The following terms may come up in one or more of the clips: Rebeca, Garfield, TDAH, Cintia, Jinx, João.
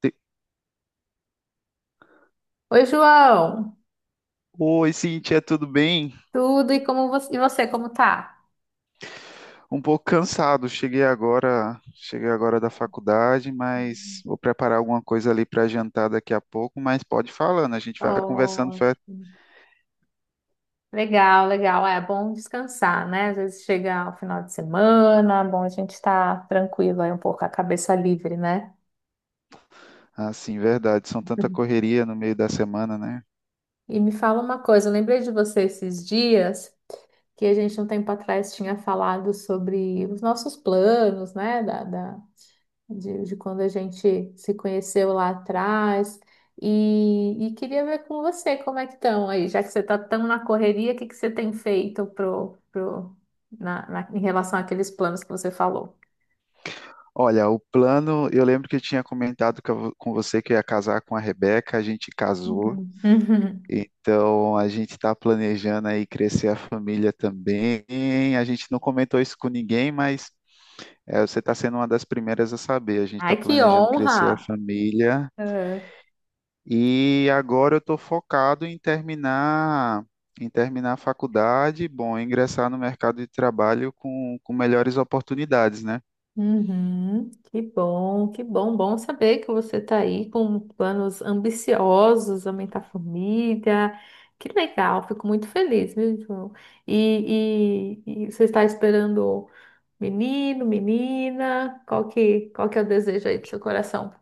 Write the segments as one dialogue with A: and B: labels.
A: Te-
B: Oi, João.
A: Oi, Cintia, tudo bem?
B: Tudo. E como você, e você, como tá?
A: Um pouco cansado. Cheguei agora da faculdade, mas vou preparar alguma coisa ali para jantar daqui a pouco, mas pode ir falando, a gente vai conversando.
B: Ótimo. Legal, legal. É bom descansar, né? Às vezes chega o final de semana, é bom a gente estar tranquilo aí um pouco, a cabeça livre, né?
A: Verdade, são tanta correria no meio da semana, né?
B: E me fala uma coisa, eu lembrei de você esses dias que a gente um tempo atrás tinha falado sobre os nossos planos, né? De quando a gente se conheceu lá atrás. E queria ver com você como é que estão aí, já que você está tão na correria, o que que você tem feito em relação àqueles planos que você falou?
A: Olha, o plano, eu lembro que eu tinha comentado com você que eu ia casar com a Rebeca, a gente casou.
B: Uhum. Uhum.
A: Então, a gente está planejando aí crescer a família também. A gente não comentou isso com ninguém, mas é, você está sendo uma das primeiras a saber. A gente
B: Ai,
A: está
B: que
A: planejando crescer a
B: honra!
A: família e agora eu estou focado em terminar a faculdade, bom, ingressar no mercado de trabalho com melhores oportunidades, né?
B: Uhum, que bom, bom saber que você está aí com planos ambiciosos, aumentar a família. Que legal, fico muito feliz, viu, João? E você está esperando menino, menina? Qual que é o desejo aí do seu coração?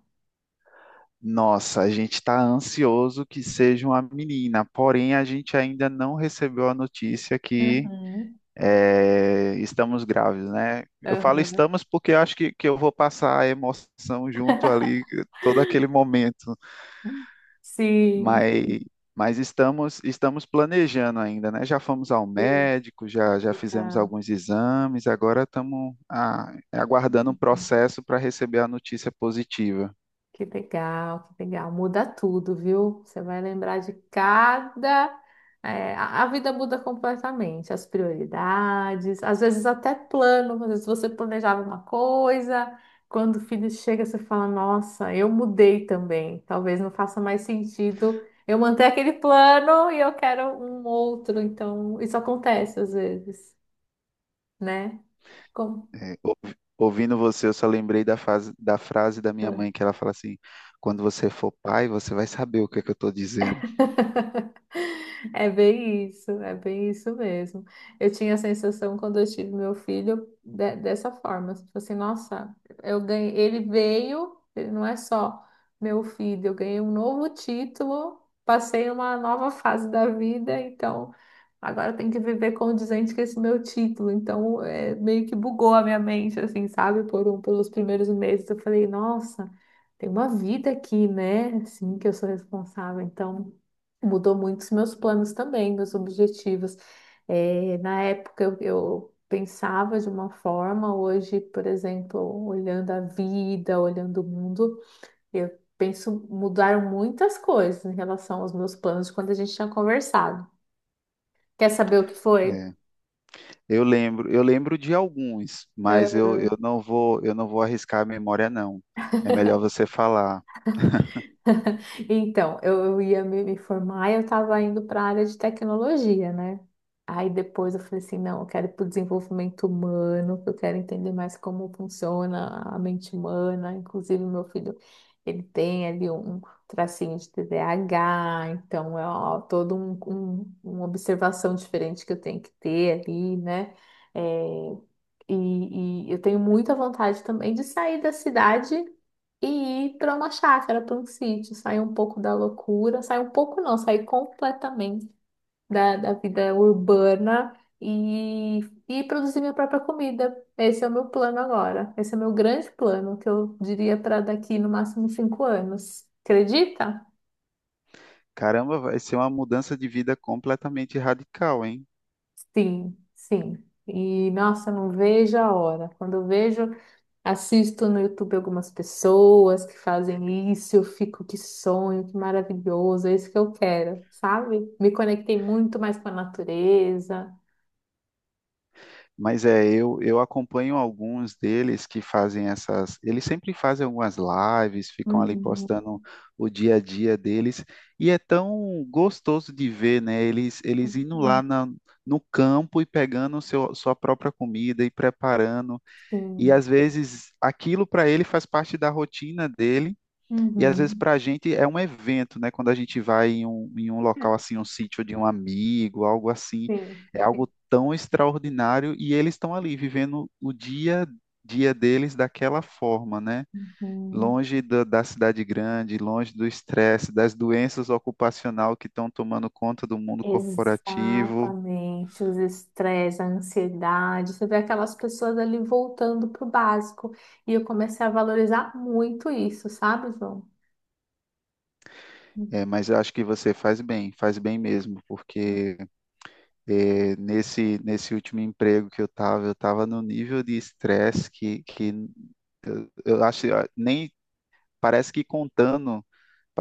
A: Nossa, a gente está ansioso que seja uma menina, porém a gente ainda não recebeu a notícia que
B: Uhum,
A: é, estamos grávidos, né? Eu falo
B: aham.
A: estamos porque eu acho que eu vou passar a emoção junto ali, todo aquele momento.
B: Sim,
A: mas, mas estamos planejando ainda, né? Já fomos ao
B: sim,
A: médico, já fizemos
B: legal.
A: alguns exames, agora estamos aguardando um processo para receber a notícia positiva.
B: Que legal, que legal. Muda tudo, viu? Você vai lembrar de cada. É, a vida muda completamente, as prioridades, às vezes até plano. Às vezes você planejava uma coisa, quando o filho chega, você fala: "Nossa, eu mudei também. Talvez não faça mais sentido eu manter aquele plano e eu quero um outro". Então, isso acontece às vezes, né? Como?
A: É, ou- Ouvindo você, eu só lembrei da frase da minha mãe, que ela fala assim: quando você for pai, você vai saber o que é que eu estou dizendo.
B: É bem isso mesmo. Eu tinha a sensação quando eu tive meu filho de- dessa forma, tipo assim, nossa, eu ganhei, ele veio, ele não é só meu filho, eu ganhei um novo título, passei uma nova fase da vida, então agora eu tenho que viver condizente com esse meu título. Então, é, meio que bugou a minha mente, assim, sabe? Pelos primeiros meses eu falei, nossa, tem uma vida aqui, né? Assim, que eu sou responsável, então mudou muito os meus planos também, meus objetivos. Na época eu pensava de uma forma, hoje, por exemplo, olhando a vida, olhando o mundo, eu penso, mudaram muitas coisas em relação aos meus planos de quando a gente tinha conversado. Quer saber o que foi?
A: É. Eu lembro de alguns, mas eu não vou arriscar a memória, não. É melhor você falar.
B: Então, eu ia me formar e eu estava indo para a área de tecnologia, né? Aí depois eu falei assim, não, eu quero ir para o desenvolvimento humano, que eu quero entender mais como funciona a mente humana. Inclusive, meu filho, ele tem ali um tracinho de T D A H, então é ó, uma observação diferente que eu tenho que ter ali, né? É, e eu tenho muita vontade também de sair da cidade e ir para uma chácara, para um sítio, sair um pouco da loucura, sair um pouco não, sair completamente da vida urbana e, e produzir minha própria comida. Esse é o meu plano agora. Esse é o meu grande plano, que eu diria para daqui no máximo 5 anos. Acredita?
A: Caramba, vai ser uma mudança de vida completamente radical, hein?
B: Sim, sim. E nossa, não vejo a hora. Quando eu vejo. Assisto no YouTube algumas pessoas que fazem isso, eu fico, que sonho, que maravilhoso, é isso que eu quero, sabe? Me conectei muito mais com a natureza.
A: Mas é, eu acompanho alguns deles que fazem essas. Eles sempre fazem algumas lives, ficam ali
B: Uhum.
A: postando o dia a dia deles. E é tão gostoso de ver, né? Eles indo
B: Uhum.
A: no campo e pegando sua própria comida e preparando. E
B: Sim.
A: às vezes aquilo para ele faz parte da rotina dele. E às vezes
B: Uhum.
A: para a gente é um evento, né? Quando a gente vai em um local assim, um sítio de um amigo, algo assim,
B: Sim.
A: é algo tão extraordinário e eles estão ali vivendo o dia a dia deles daquela forma, né?
B: Uhum.
A: Longe da cidade grande, longe do estresse, das doenças ocupacional que estão tomando conta do mundo corporativo.
B: Exatamente, os estresses, a ansiedade, você vê aquelas pessoas ali voltando pro básico. E eu comecei a valorizar muito isso, sabe, João?
A: É, mas eu acho que você faz bem mesmo, porque é, nesse último emprego que eu estava no nível de estresse que eu acho, nem parece que contando,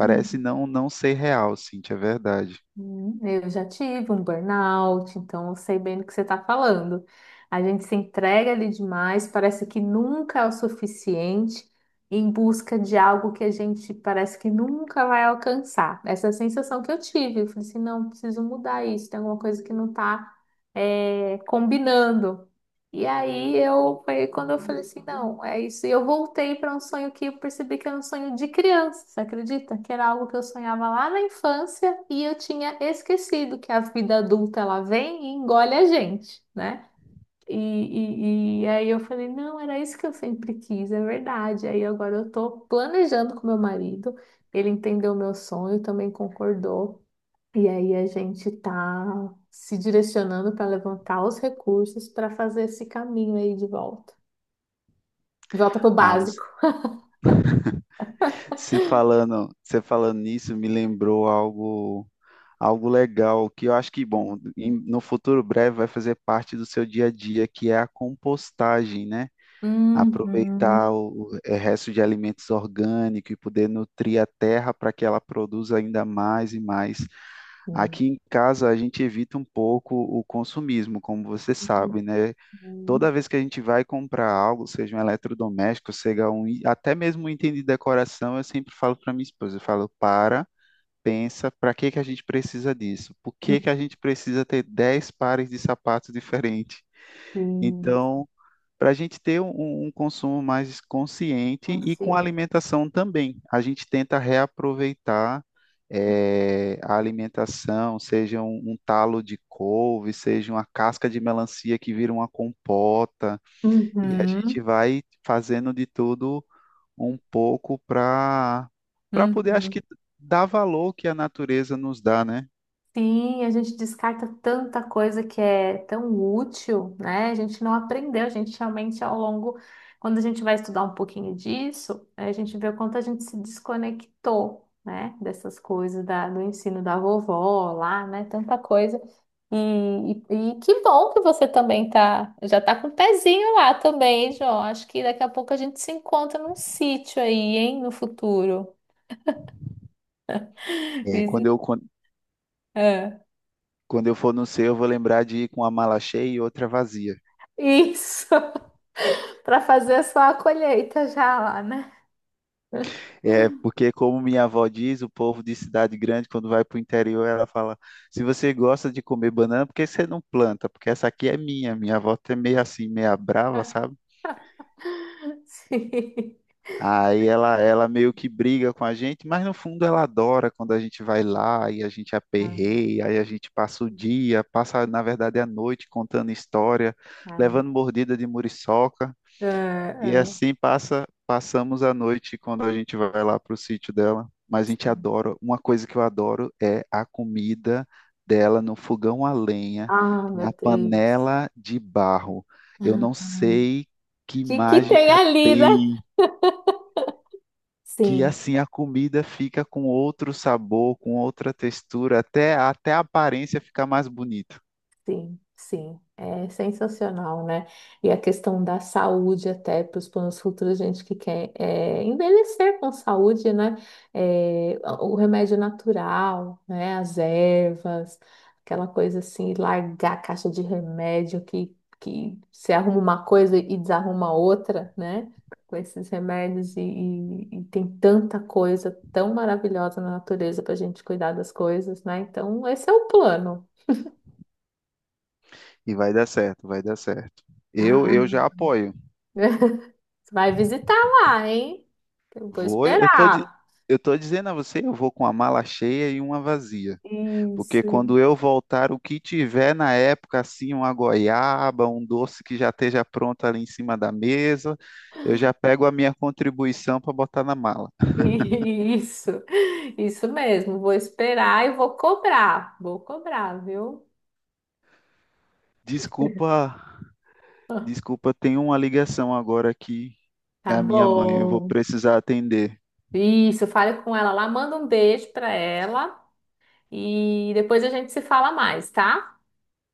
B: Uhum.
A: não ser real, Cintia, é verdade.
B: Eu já tive um burnout, então eu sei bem do que você está falando. A gente se entrega ali demais, parece que nunca é o suficiente em busca de algo que a gente parece que nunca vai alcançar. Essa é a sensação que eu tive, eu falei assim, não, preciso mudar isso, tem alguma coisa que não está combinando. E aí eu foi quando eu falei assim, não, é isso. E eu voltei para um sonho que eu percebi que era um sonho de criança, você acredita? Que era algo que eu sonhava lá na infância e eu tinha esquecido que a vida adulta ela vem e engole a gente, né? E aí eu falei, não, era isso que eu sempre quis, é verdade. Aí agora eu tô planejando com meu marido, ele entendeu o meu sonho, também concordou. E aí a gente tá se direcionando para levantar os recursos para fazer esse caminho aí de volta. De volta pro
A: Ah,
B: básico.
A: você falando nisso me lembrou algo legal que eu acho que, bom, no futuro breve vai fazer parte do seu dia a dia, que é a compostagem, né?
B: Uhum.
A: Aproveitar resto de alimentos orgânicos e poder nutrir a terra para que ela produza ainda mais e mais.
B: Uhum.
A: Aqui em casa a gente evita um pouco o consumismo, como você sabe, né?
B: Uhum.
A: Toda vez que a gente vai comprar algo, seja um eletrodoméstico, até mesmo um item de decoração, eu sempre falo para minha esposa, eu falo, para, pensa, para que que a gente precisa disso? Por que que a gente precisa ter 10 pares de sapatos diferentes?
B: Sim,
A: Então, para a gente ter um consumo mais consciente e com
B: consciente.
A: alimentação também, a gente tenta reaproveitar a alimentação, seja um talo de couve, seja uma casca de melancia que vira uma compota. E a gente
B: Uhum.
A: vai fazendo de tudo um pouco para para poder, acho
B: Uhum.
A: que, dar valor que a natureza nos dá, né?
B: Sim, a gente descarta tanta coisa que é tão útil, né? A gente não aprendeu, a gente realmente ao longo, quando a gente vai estudar um pouquinho disso, a gente vê o quanto a gente se desconectou, né? Dessas coisas do ensino da vovó lá, né? Tanta coisa. E que bom que você também tá, já tá com o pezinho lá também, hein, João. Acho que daqui a pouco a gente se encontra num sítio aí, hein? No futuro.
A: É,
B: Visi- Ah,
A: quando eu for no céu, eu vou lembrar de ir com uma mala cheia e outra vazia.
B: isso. Para fazer só a colheita já lá, né?
A: É, porque, como minha avó diz, o povo de cidade grande, quando vai para o interior, ela fala: se você gosta de comer banana, por que você não planta? Porque essa aqui é minha. Minha avó é meio assim, meia brava, sabe?
B: Sim.
A: Aí ela meio que briga com a gente, mas no fundo ela adora quando a gente vai lá e a gente
B: Ah,
A: aperreia, aí a gente passa o dia, passa na verdade a noite contando história,
B: ah.
A: levando mordida de muriçoca,
B: É,
A: e
B: é.
A: assim passa, passamos a noite quando a gente vai lá para o sítio dela. Mas a gente adora, uma coisa que eu adoro é a comida dela no fogão a lenha,
B: Ah, meu
A: na
B: Deus.
A: panela de barro. Eu
B: Ah,
A: não
B: ah.
A: sei que
B: Que tem
A: mágica
B: ali, né?
A: tem que
B: Sim.
A: assim a comida fica com outro sabor, com outra textura, até a aparência fica mais bonita.
B: Sim, sim, é sensacional, né? E a questão da saúde até para os planos futuros, gente que quer é envelhecer com saúde, né? É, o remédio natural, né? As ervas, aquela coisa assim, largar a caixa de remédio que se arruma uma coisa e desarruma outra, né? Com esses remédios e, e tem tanta coisa tão maravilhosa na natureza para a gente cuidar das coisas, né? Então, esse é o plano.
A: E vai dar certo, vai dar certo.
B: Ah.
A: Eu já apoio.
B: Você vai visitar lá, hein? Eu vou
A: Vou, eu tô, di-
B: esperar.
A: Eu tô dizendo a você, eu vou com a mala cheia e uma vazia. Porque
B: Isso,
A: quando eu voltar, o que tiver na época, assim, uma goiaba, um doce que já esteja pronto ali em cima da mesa, eu já pego a minha contribuição para botar na mala.
B: isso, isso mesmo. Vou esperar e vou cobrar. Vou cobrar, viu?
A: Desculpa Desculpa, tem uma ligação agora aqui. É
B: Tá
A: a minha mãe, eu vou
B: bom.
A: precisar atender.
B: Isso, fale com ela lá, manda um beijo pra ela e depois a gente se fala mais, tá?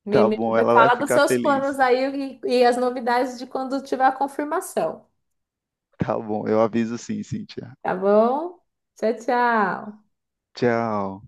A: Tá bom,
B: Me
A: ela vai
B: fala dos
A: ficar
B: seus planos
A: feliz.
B: aí e as novidades de quando tiver a confirmação,
A: Tá bom, eu aviso sim, Cíntia.
B: tá bom? Tchau, tchau.
A: Tchau.